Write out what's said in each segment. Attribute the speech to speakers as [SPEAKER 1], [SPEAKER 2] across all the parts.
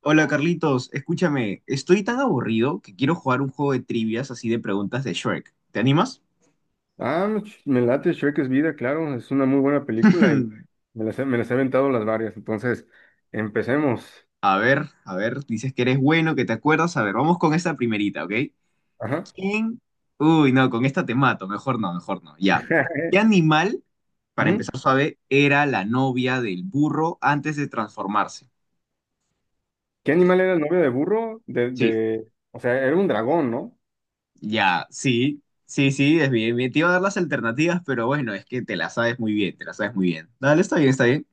[SPEAKER 1] Hola Carlitos, escúchame, estoy tan aburrido que quiero jugar un juego de trivias así de preguntas de Shrek. ¿Te animas?
[SPEAKER 2] Ah, me late, Shrek es vida. Claro, es una muy buena película y me las he aventado las varias. Entonces empecemos.
[SPEAKER 1] A ver, dices que eres bueno, que te acuerdas. A ver, vamos con esta primerita, ¿ok?
[SPEAKER 2] Ajá.
[SPEAKER 1] ¿Quién? Uy, no, con esta te mato, mejor no, ya. ¿Qué animal, para
[SPEAKER 2] Ujú.
[SPEAKER 1] empezar suave, era la novia del burro antes de transformarse?
[SPEAKER 2] ¿Qué animal era el novio de burro?
[SPEAKER 1] Sí,
[SPEAKER 2] O sea, era un dragón, ¿no?
[SPEAKER 1] ya, sí, sí, sí, es bien, bien. Te iba a dar las alternativas, pero bueno, es que te las sabes muy bien, te las sabes muy bien. Dale, está bien, está bien.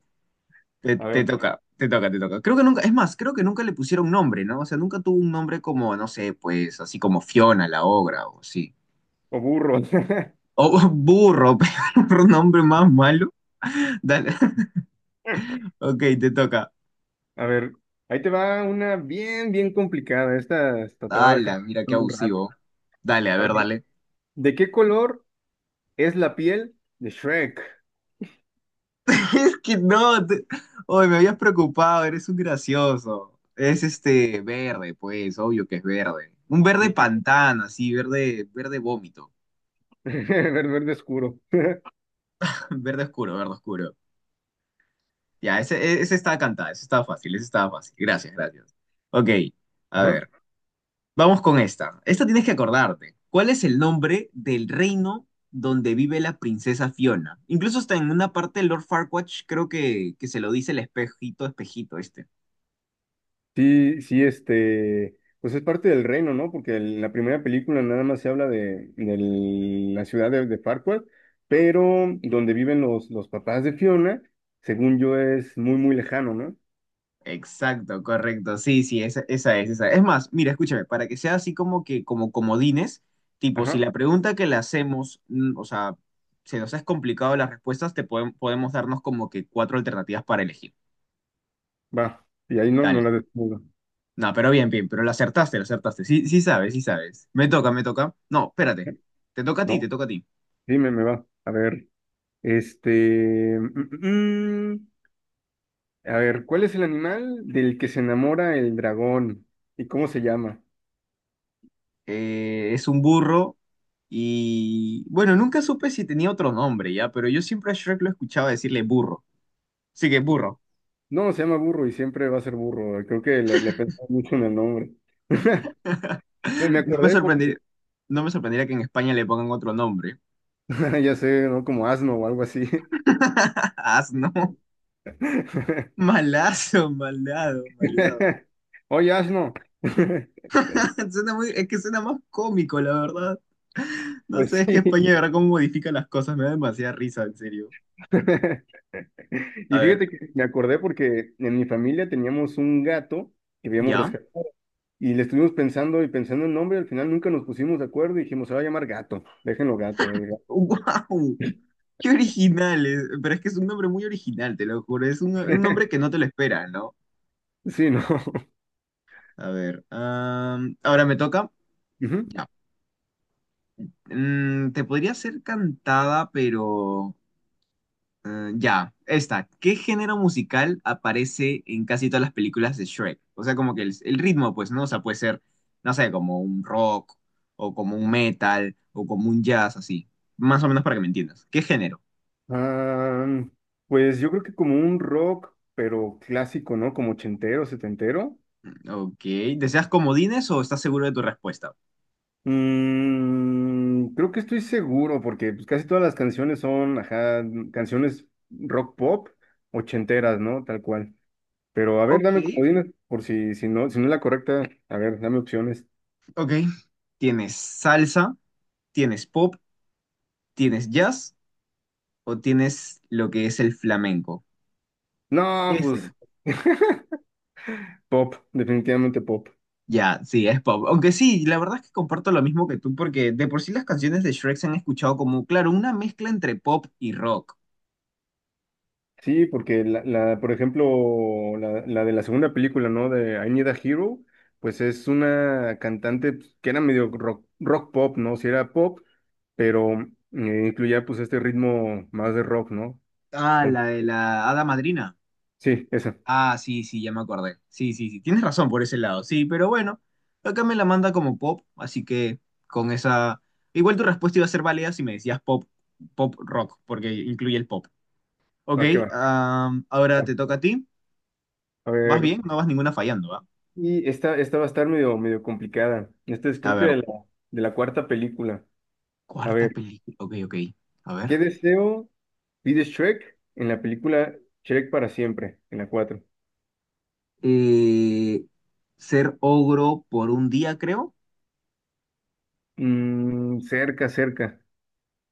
[SPEAKER 1] Te,
[SPEAKER 2] A
[SPEAKER 1] te
[SPEAKER 2] ver,
[SPEAKER 1] toca, te toca, te toca. Creo que nunca, es más, creo que nunca le pusieron nombre, ¿no? O sea, nunca tuvo un nombre como, no sé, pues, así como Fiona, la obra, o sí.
[SPEAKER 2] o burro.
[SPEAKER 1] O burro, pero un nombre más malo. Dale. Ok, te toca.
[SPEAKER 2] A ver, ahí te va una bien, bien complicada. Esta te va a
[SPEAKER 1] Ala,
[SPEAKER 2] dejar
[SPEAKER 1] mira qué
[SPEAKER 2] pensando un rato.
[SPEAKER 1] abusivo. Dale, a
[SPEAKER 2] A
[SPEAKER 1] ver,
[SPEAKER 2] ver,
[SPEAKER 1] dale.
[SPEAKER 2] ¿de qué color es la piel de Shrek?
[SPEAKER 1] Es que no, te- Oy, me habías preocupado, eres un gracioso. Es este verde, pues, obvio que es verde. Un verde
[SPEAKER 2] Sí,
[SPEAKER 1] pantano, así, verde, verde vómito.
[SPEAKER 2] verde oscuro.
[SPEAKER 1] Verde oscuro, verde oscuro. Ya, ese estaba cantado, ese estaba fácil, ese estaba fácil. Gracias, gracias. Ok, a
[SPEAKER 2] Ajá.
[SPEAKER 1] ver, vamos con esta. Esta tienes que acordarte. ¿Cuál es el nombre del reino donde vive la princesa Fiona? Incluso está en una parte de Lord Farquaad, creo que se lo dice el espejito, espejito, este.
[SPEAKER 2] Sí, sí, este, pues es parte del reino, ¿no? Porque en la primera película nada más se habla de, la ciudad de Farquaad, pero donde viven los papás de Fiona, según yo, es muy, muy lejano, ¿no?
[SPEAKER 1] Exacto, correcto. Sí, sí, esa, esa. Es más, mira, escúchame, para que sea así como que, como comodines, tipo, si
[SPEAKER 2] Ajá,
[SPEAKER 1] la pregunta que le hacemos, o sea, se nos es complicado las respuestas, te podem- podemos darnos como que cuatro alternativas para elegir.
[SPEAKER 2] va, y ahí no, no
[SPEAKER 1] Dale.
[SPEAKER 2] la descubro.
[SPEAKER 1] No, pero bien, bien, pero la acertaste, la acertaste. Sí, sí sabes, sí sabes. Me toca, me toca. No, espérate.
[SPEAKER 2] ¿Eh?
[SPEAKER 1] Te toca a ti, te
[SPEAKER 2] No,
[SPEAKER 1] toca a ti.
[SPEAKER 2] dime, me va. A ver, este, mm, mm. a ver, ¿cuál es el animal del que se enamora el dragón y cómo se llama?
[SPEAKER 1] Es un burro y, bueno, nunca supe si tenía otro nombre, ya, pero yo siempre a Shrek lo escuchaba decirle burro. Así que burro.
[SPEAKER 2] No, se llama burro y siempre va a ser burro. Creo que le pensé mucho en el nombre. Me
[SPEAKER 1] No me
[SPEAKER 2] acordé porque,
[SPEAKER 1] sorprendería, no me sorprendería que en España le pongan otro nombre.
[SPEAKER 2] ya sé, ¿no? Como asno o algo así.
[SPEAKER 1] Asno. Malazo, malado, maleado.
[SPEAKER 2] Oye, asno.
[SPEAKER 1] Suena muy, es que suena más cómico, la verdad. No
[SPEAKER 2] Pues
[SPEAKER 1] sé, es que
[SPEAKER 2] sí.
[SPEAKER 1] España de verdad cómo modifica las cosas. Me da demasiada risa, en serio. A
[SPEAKER 2] Y
[SPEAKER 1] ver,
[SPEAKER 2] fíjate que me acordé porque en mi familia teníamos un gato que habíamos
[SPEAKER 1] ¿ya?
[SPEAKER 2] rescatado y le estuvimos pensando y pensando el nombre. Al final nunca nos pusimos de acuerdo y dijimos, se va a llamar gato, déjenlo gato, el gato.
[SPEAKER 1] ¡Wow! ¡Qué original, eh! Pero es que es un nombre muy original, te lo juro. Es un nombre que no te lo esperas, ¿no?
[SPEAKER 2] Sí, ¿no?
[SPEAKER 1] A ver, ahora me toca.
[SPEAKER 2] Ujú.
[SPEAKER 1] Ya. Te podría ser cantada, pero... ya, esta. ¿Qué género musical aparece en casi todas las películas de Shrek? O sea, como que el ritmo, pues, ¿no? O sea, puede ser, no sé, como un rock, o como un metal, o como un jazz, así. Más o menos para que me entiendas. ¿Qué género?
[SPEAKER 2] Ah, pues yo creo que como un rock, pero clásico, ¿no? Como ochentero, setentero.
[SPEAKER 1] Ok. ¿Deseas comodines o estás seguro de tu respuesta?
[SPEAKER 2] Mm, creo que estoy seguro porque, pues, casi todas las canciones son, ajá, canciones rock pop ochenteras, ¿no? Tal cual. Pero a ver,
[SPEAKER 1] Ok,
[SPEAKER 2] dame comodines por si, si no, si no es la correcta. A ver, dame opciones.
[SPEAKER 1] ok. ¿Tienes salsa? ¿Tienes pop? ¿Tienes jazz? ¿O tienes lo que es el flamenco?
[SPEAKER 2] No,
[SPEAKER 1] Ese.
[SPEAKER 2] pues pop, definitivamente pop.
[SPEAKER 1] Ya, sí, es pop. Aunque sí, la verdad es que comparto lo mismo que tú, porque de por sí las canciones de Shrek se han escuchado como, claro, una mezcla entre pop y rock.
[SPEAKER 2] Sí, porque por ejemplo, la de la segunda película, ¿no? De I Need a Hero, pues es una cantante, pues, que era medio rock, rock pop, ¿no? Si era pop, pero incluía pues este ritmo más de rock, ¿no?
[SPEAKER 1] Ah,
[SPEAKER 2] Con-
[SPEAKER 1] la de la Hada Madrina.
[SPEAKER 2] Sí, esa.
[SPEAKER 1] Ah, sí, sí, ya me acordé. Sí, sí, sí, tienes razón por ese lado, sí, pero bueno, acá me la manda como pop, así que con esa... Igual tu respuesta iba a ser válida si me decías pop, pop rock, porque incluye el pop. Ok,
[SPEAKER 2] Va que va.
[SPEAKER 1] ahora te toca a ti.
[SPEAKER 2] A
[SPEAKER 1] ¿Vas
[SPEAKER 2] ver.
[SPEAKER 1] bien? No vas ninguna fallando, ¿va?
[SPEAKER 2] Y esta va a estar medio, medio complicada. Esta es
[SPEAKER 1] A
[SPEAKER 2] creo que
[SPEAKER 1] ver,
[SPEAKER 2] de la cuarta película. A
[SPEAKER 1] cuarta
[SPEAKER 2] ver,
[SPEAKER 1] película. Ok, ok. A ver.
[SPEAKER 2] ¿qué deseo pide Shrek en la película Shrek para siempre? En la cuatro.
[SPEAKER 1] eh, Ser ogro por un día, creo.
[SPEAKER 2] Mm, cerca, cerca.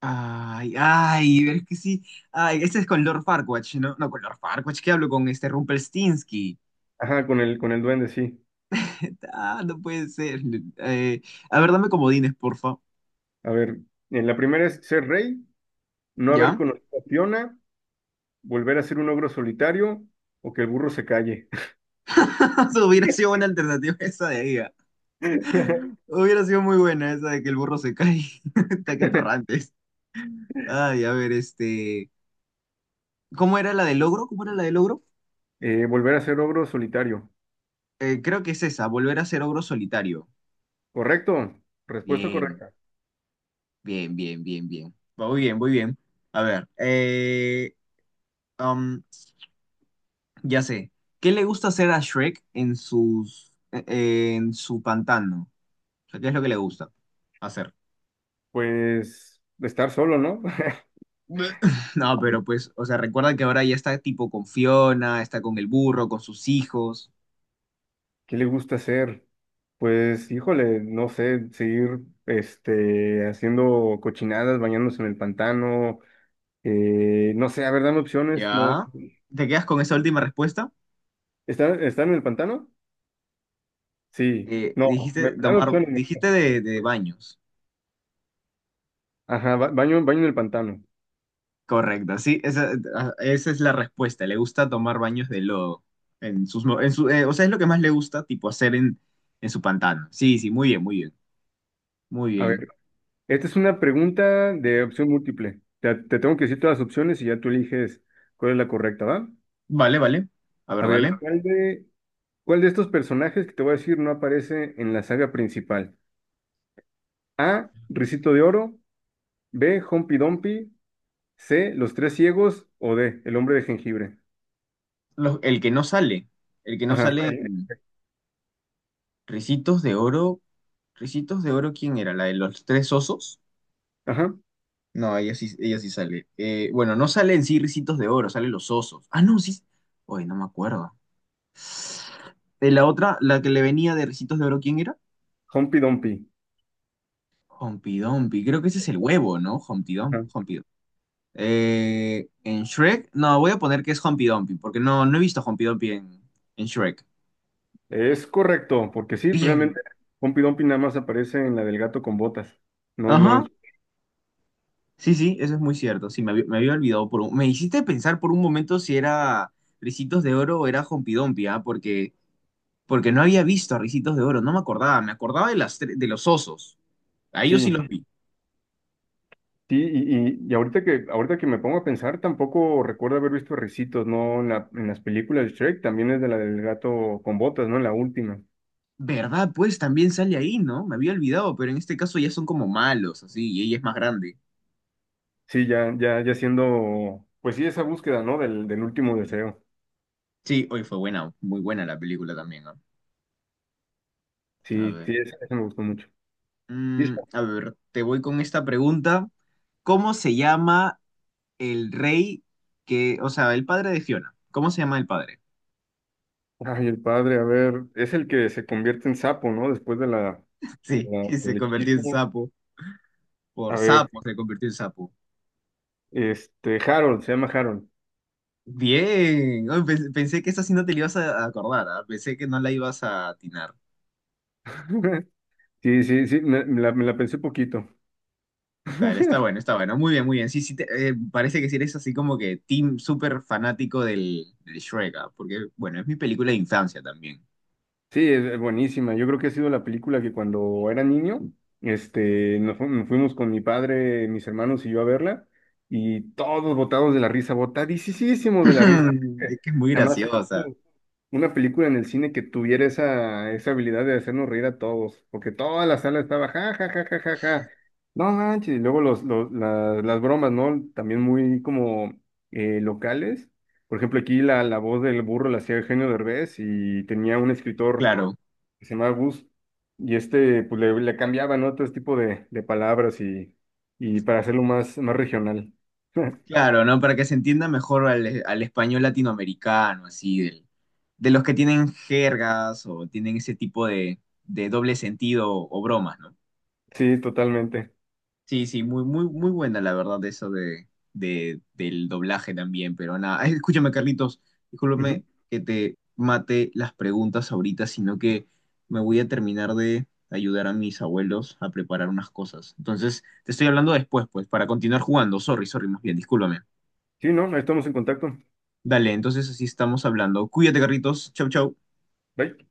[SPEAKER 1] Ay, ay, pero es que sí. Ay, este es con Lord Farquatch, ¿no? No, con Lord Farquatch, ¿qué hablo? Con este Rumpelstiltskin.
[SPEAKER 2] Ajá, con el duende, sí.
[SPEAKER 1] Ah, no puede ser. Eh, a ver, dame comodines, porfa.
[SPEAKER 2] A ver, en la primera es ser rey, no haber
[SPEAKER 1] ¿Ya?
[SPEAKER 2] conocido a Fiona, volver a ser un ogro solitario o que el burro se calle.
[SPEAKER 1] Eso hubiera sido buena alternativa esa de ahí. Ah. Hubiera sido muy buena esa de que el burro se cae. Está que atorrantes. Ay, a ver, este. ¿Cómo era la del ogro? ¿Cómo era la del ogro?
[SPEAKER 2] Volver a ser ogro solitario.
[SPEAKER 1] Creo que es esa, volver a ser ogro solitario.
[SPEAKER 2] ¿Correcto? Respuesta
[SPEAKER 1] Bien.
[SPEAKER 2] correcta.
[SPEAKER 1] Bien, bien, bien, bien. Va muy bien, muy bien. A ver, um, ya sé. ¿Qué le gusta hacer a Shrek en sus, en su pantano? O sea, ¿qué es lo que le gusta hacer?
[SPEAKER 2] Pues estar solo, ¿no?
[SPEAKER 1] Bleh. No, pero pues, o sea, recuerda que ahora ya está tipo con Fiona, está con el burro, con sus hijos.
[SPEAKER 2] ¿Qué le gusta hacer? Pues, híjole, no sé, seguir este, haciendo cochinadas, bañándose en el pantano, no sé, a ver, dame opciones, no.
[SPEAKER 1] ¿Ya? ¿Te quedas con esa última respuesta?
[SPEAKER 2] ¿Están, están en el pantano? Sí, no,
[SPEAKER 1] Dijiste
[SPEAKER 2] dame
[SPEAKER 1] tomar,
[SPEAKER 2] opciones.
[SPEAKER 1] dijiste de baños.
[SPEAKER 2] Ajá, baño, baño en el pantano.
[SPEAKER 1] Correcto, sí, esa, ah, esa es la respuesta. Le gusta tomar baños de lodo. En sus, mo- en su, o sea, es lo que más le gusta, tipo, hacer en su pantano. Sí, sí, muy bien, muy bien, muy
[SPEAKER 2] A
[SPEAKER 1] bien.
[SPEAKER 2] ver, esta es una pregunta de opción múltiple. Te tengo que decir todas las opciones y ya tú eliges cuál es la correcta, ¿va?
[SPEAKER 1] Vale, vale. A
[SPEAKER 2] A
[SPEAKER 1] ver,
[SPEAKER 2] ver,
[SPEAKER 1] dale.
[SPEAKER 2] ¿cuál de, ¿Cuál de estos personajes que te voy a decir no aparece en la saga principal? A. Ricito de Oro. B. Humpty Dumpty. C. Los Tres Ciegos. O D. El Hombre de Jengibre.
[SPEAKER 1] Los- el que no sale, el que no
[SPEAKER 2] Ajá.
[SPEAKER 1] sale en Ricitos de Oro. ¿Ricitos de Oro quién era? ¿La de los tres osos?
[SPEAKER 2] Ajá.
[SPEAKER 1] No, ella sí sale. Bueno, no sale en sí Ricitos de Oro, salen los osos. Ah, no, sí. Oye, no me acuerdo. De la otra, la que le venía de Ricitos de Oro, ¿quién era?
[SPEAKER 2] Humpty Dumpty.
[SPEAKER 1] Humpty Dumpty, creo que ese es el huevo, ¿no? Humpty Dumpty,
[SPEAKER 2] Ajá.
[SPEAKER 1] Humpty Dumpty. En Shrek, no, voy a poner que es Humpty Dumpty, porque no, no he visto Humpty Dumpty en Shrek.
[SPEAKER 2] Es correcto, porque sí,
[SPEAKER 1] Bien.
[SPEAKER 2] realmente Humpty Dumpty nada más aparece en la del gato con botas. No, no.
[SPEAKER 1] Ajá,
[SPEAKER 2] en-
[SPEAKER 1] sí, sí, eso es muy cierto. Sí, me había olvidado por un... Me hiciste pensar por un momento si era Ricitos de Oro o era Humpty Dumpty, ¿ah? Porque, porque no había visto a Ricitos de Oro, no me acordaba, me acordaba de, las, tre- de los osos. A ellos sí
[SPEAKER 2] Sí,
[SPEAKER 1] los vi.
[SPEAKER 2] sí. Y, y ahorita que me pongo a pensar, tampoco recuerdo haber visto a Ricitos, ¿no? En las películas de Shrek, también es de la del gato con botas, ¿no? En la última.
[SPEAKER 1] ¿Verdad? Pues también sale ahí, ¿no? Me había olvidado, pero en este caso ya son como malos, así, y ella es más grande.
[SPEAKER 2] Sí, ya, ya, ya siendo, pues sí, esa búsqueda, ¿no? Del, del último deseo.
[SPEAKER 1] Sí, hoy fue buena, muy buena la película también, ¿no? A
[SPEAKER 2] Sí,
[SPEAKER 1] ver.
[SPEAKER 2] sí, esa me gustó mucho. Listo.
[SPEAKER 1] A ver, te voy con esta pregunta. ¿Cómo se llama el rey que, o sea, el padre de Fiona? ¿Cómo se llama el padre?
[SPEAKER 2] Ay, el padre, a ver, es el que se convierte en sapo, ¿no? Después de la,
[SPEAKER 1] Sí, que se
[SPEAKER 2] del
[SPEAKER 1] convirtió en
[SPEAKER 2] hechizo.
[SPEAKER 1] sapo. Por
[SPEAKER 2] A ver,
[SPEAKER 1] sapo se convirtió en sapo.
[SPEAKER 2] este, Harold, se llama Harold.
[SPEAKER 1] Bien. Ay, pe- pensé que esta sí no te la ibas a acordar, ¿ah? Pensé que no la ibas a atinar.
[SPEAKER 2] Sí, sí, sí, me la pensé poquito.
[SPEAKER 1] Vale, está bueno, está bueno. Muy bien, muy bien. Sí, sí, te- parece que sí eres así como que team súper fanático del, del Shrek, ¿ah? Porque, bueno, es mi película de infancia también.
[SPEAKER 2] Sí, es buenísima. Yo creo que ha sido la película que cuando era niño, este, nos fuimos con mi padre, mis hermanos y yo a verla, y todos botados de la risa, botadísimos de la risa.
[SPEAKER 1] Es que es muy
[SPEAKER 2] Jamás he
[SPEAKER 1] graciosa.
[SPEAKER 2] visto una película en el cine que tuviera esa, esa habilidad de hacernos reír a todos, porque toda la sala estaba ja, ja, ja, ja, ja, ja. No manches, y luego las bromas, ¿no? También muy como locales. Por ejemplo, aquí la, la voz del burro la hacía Eugenio Derbez y tenía un escritor
[SPEAKER 1] Claro,
[SPEAKER 2] que se llamaba Gus, y este pues le cambiaba, ¿no? Todo este tipo de palabras y para hacerlo más, más regional.
[SPEAKER 1] claro, ¿no? Para que se entienda mejor al, al español latinoamericano, así, del- de los que tienen jergas o tienen ese tipo de doble sentido o bromas, ¿no?
[SPEAKER 2] Sí, totalmente.
[SPEAKER 1] Sí, sí, muy, muy, muy buena la verdad eso de- del doblaje también, pero nada, ay, escúchame Carlitos,
[SPEAKER 2] Ujú.
[SPEAKER 1] discúlpame que te mate las preguntas ahorita, sino que me voy a terminar de ayudar a mis abuelos a preparar unas cosas. Entonces, te estoy hablando después, pues, para continuar jugando. Sorry, sorry, más bien, discúlpame.
[SPEAKER 2] Sí, no, ahí estamos en contacto.
[SPEAKER 1] Dale, entonces así estamos hablando. Cuídate, Carlitos. Chau, chau.
[SPEAKER 2] Bye.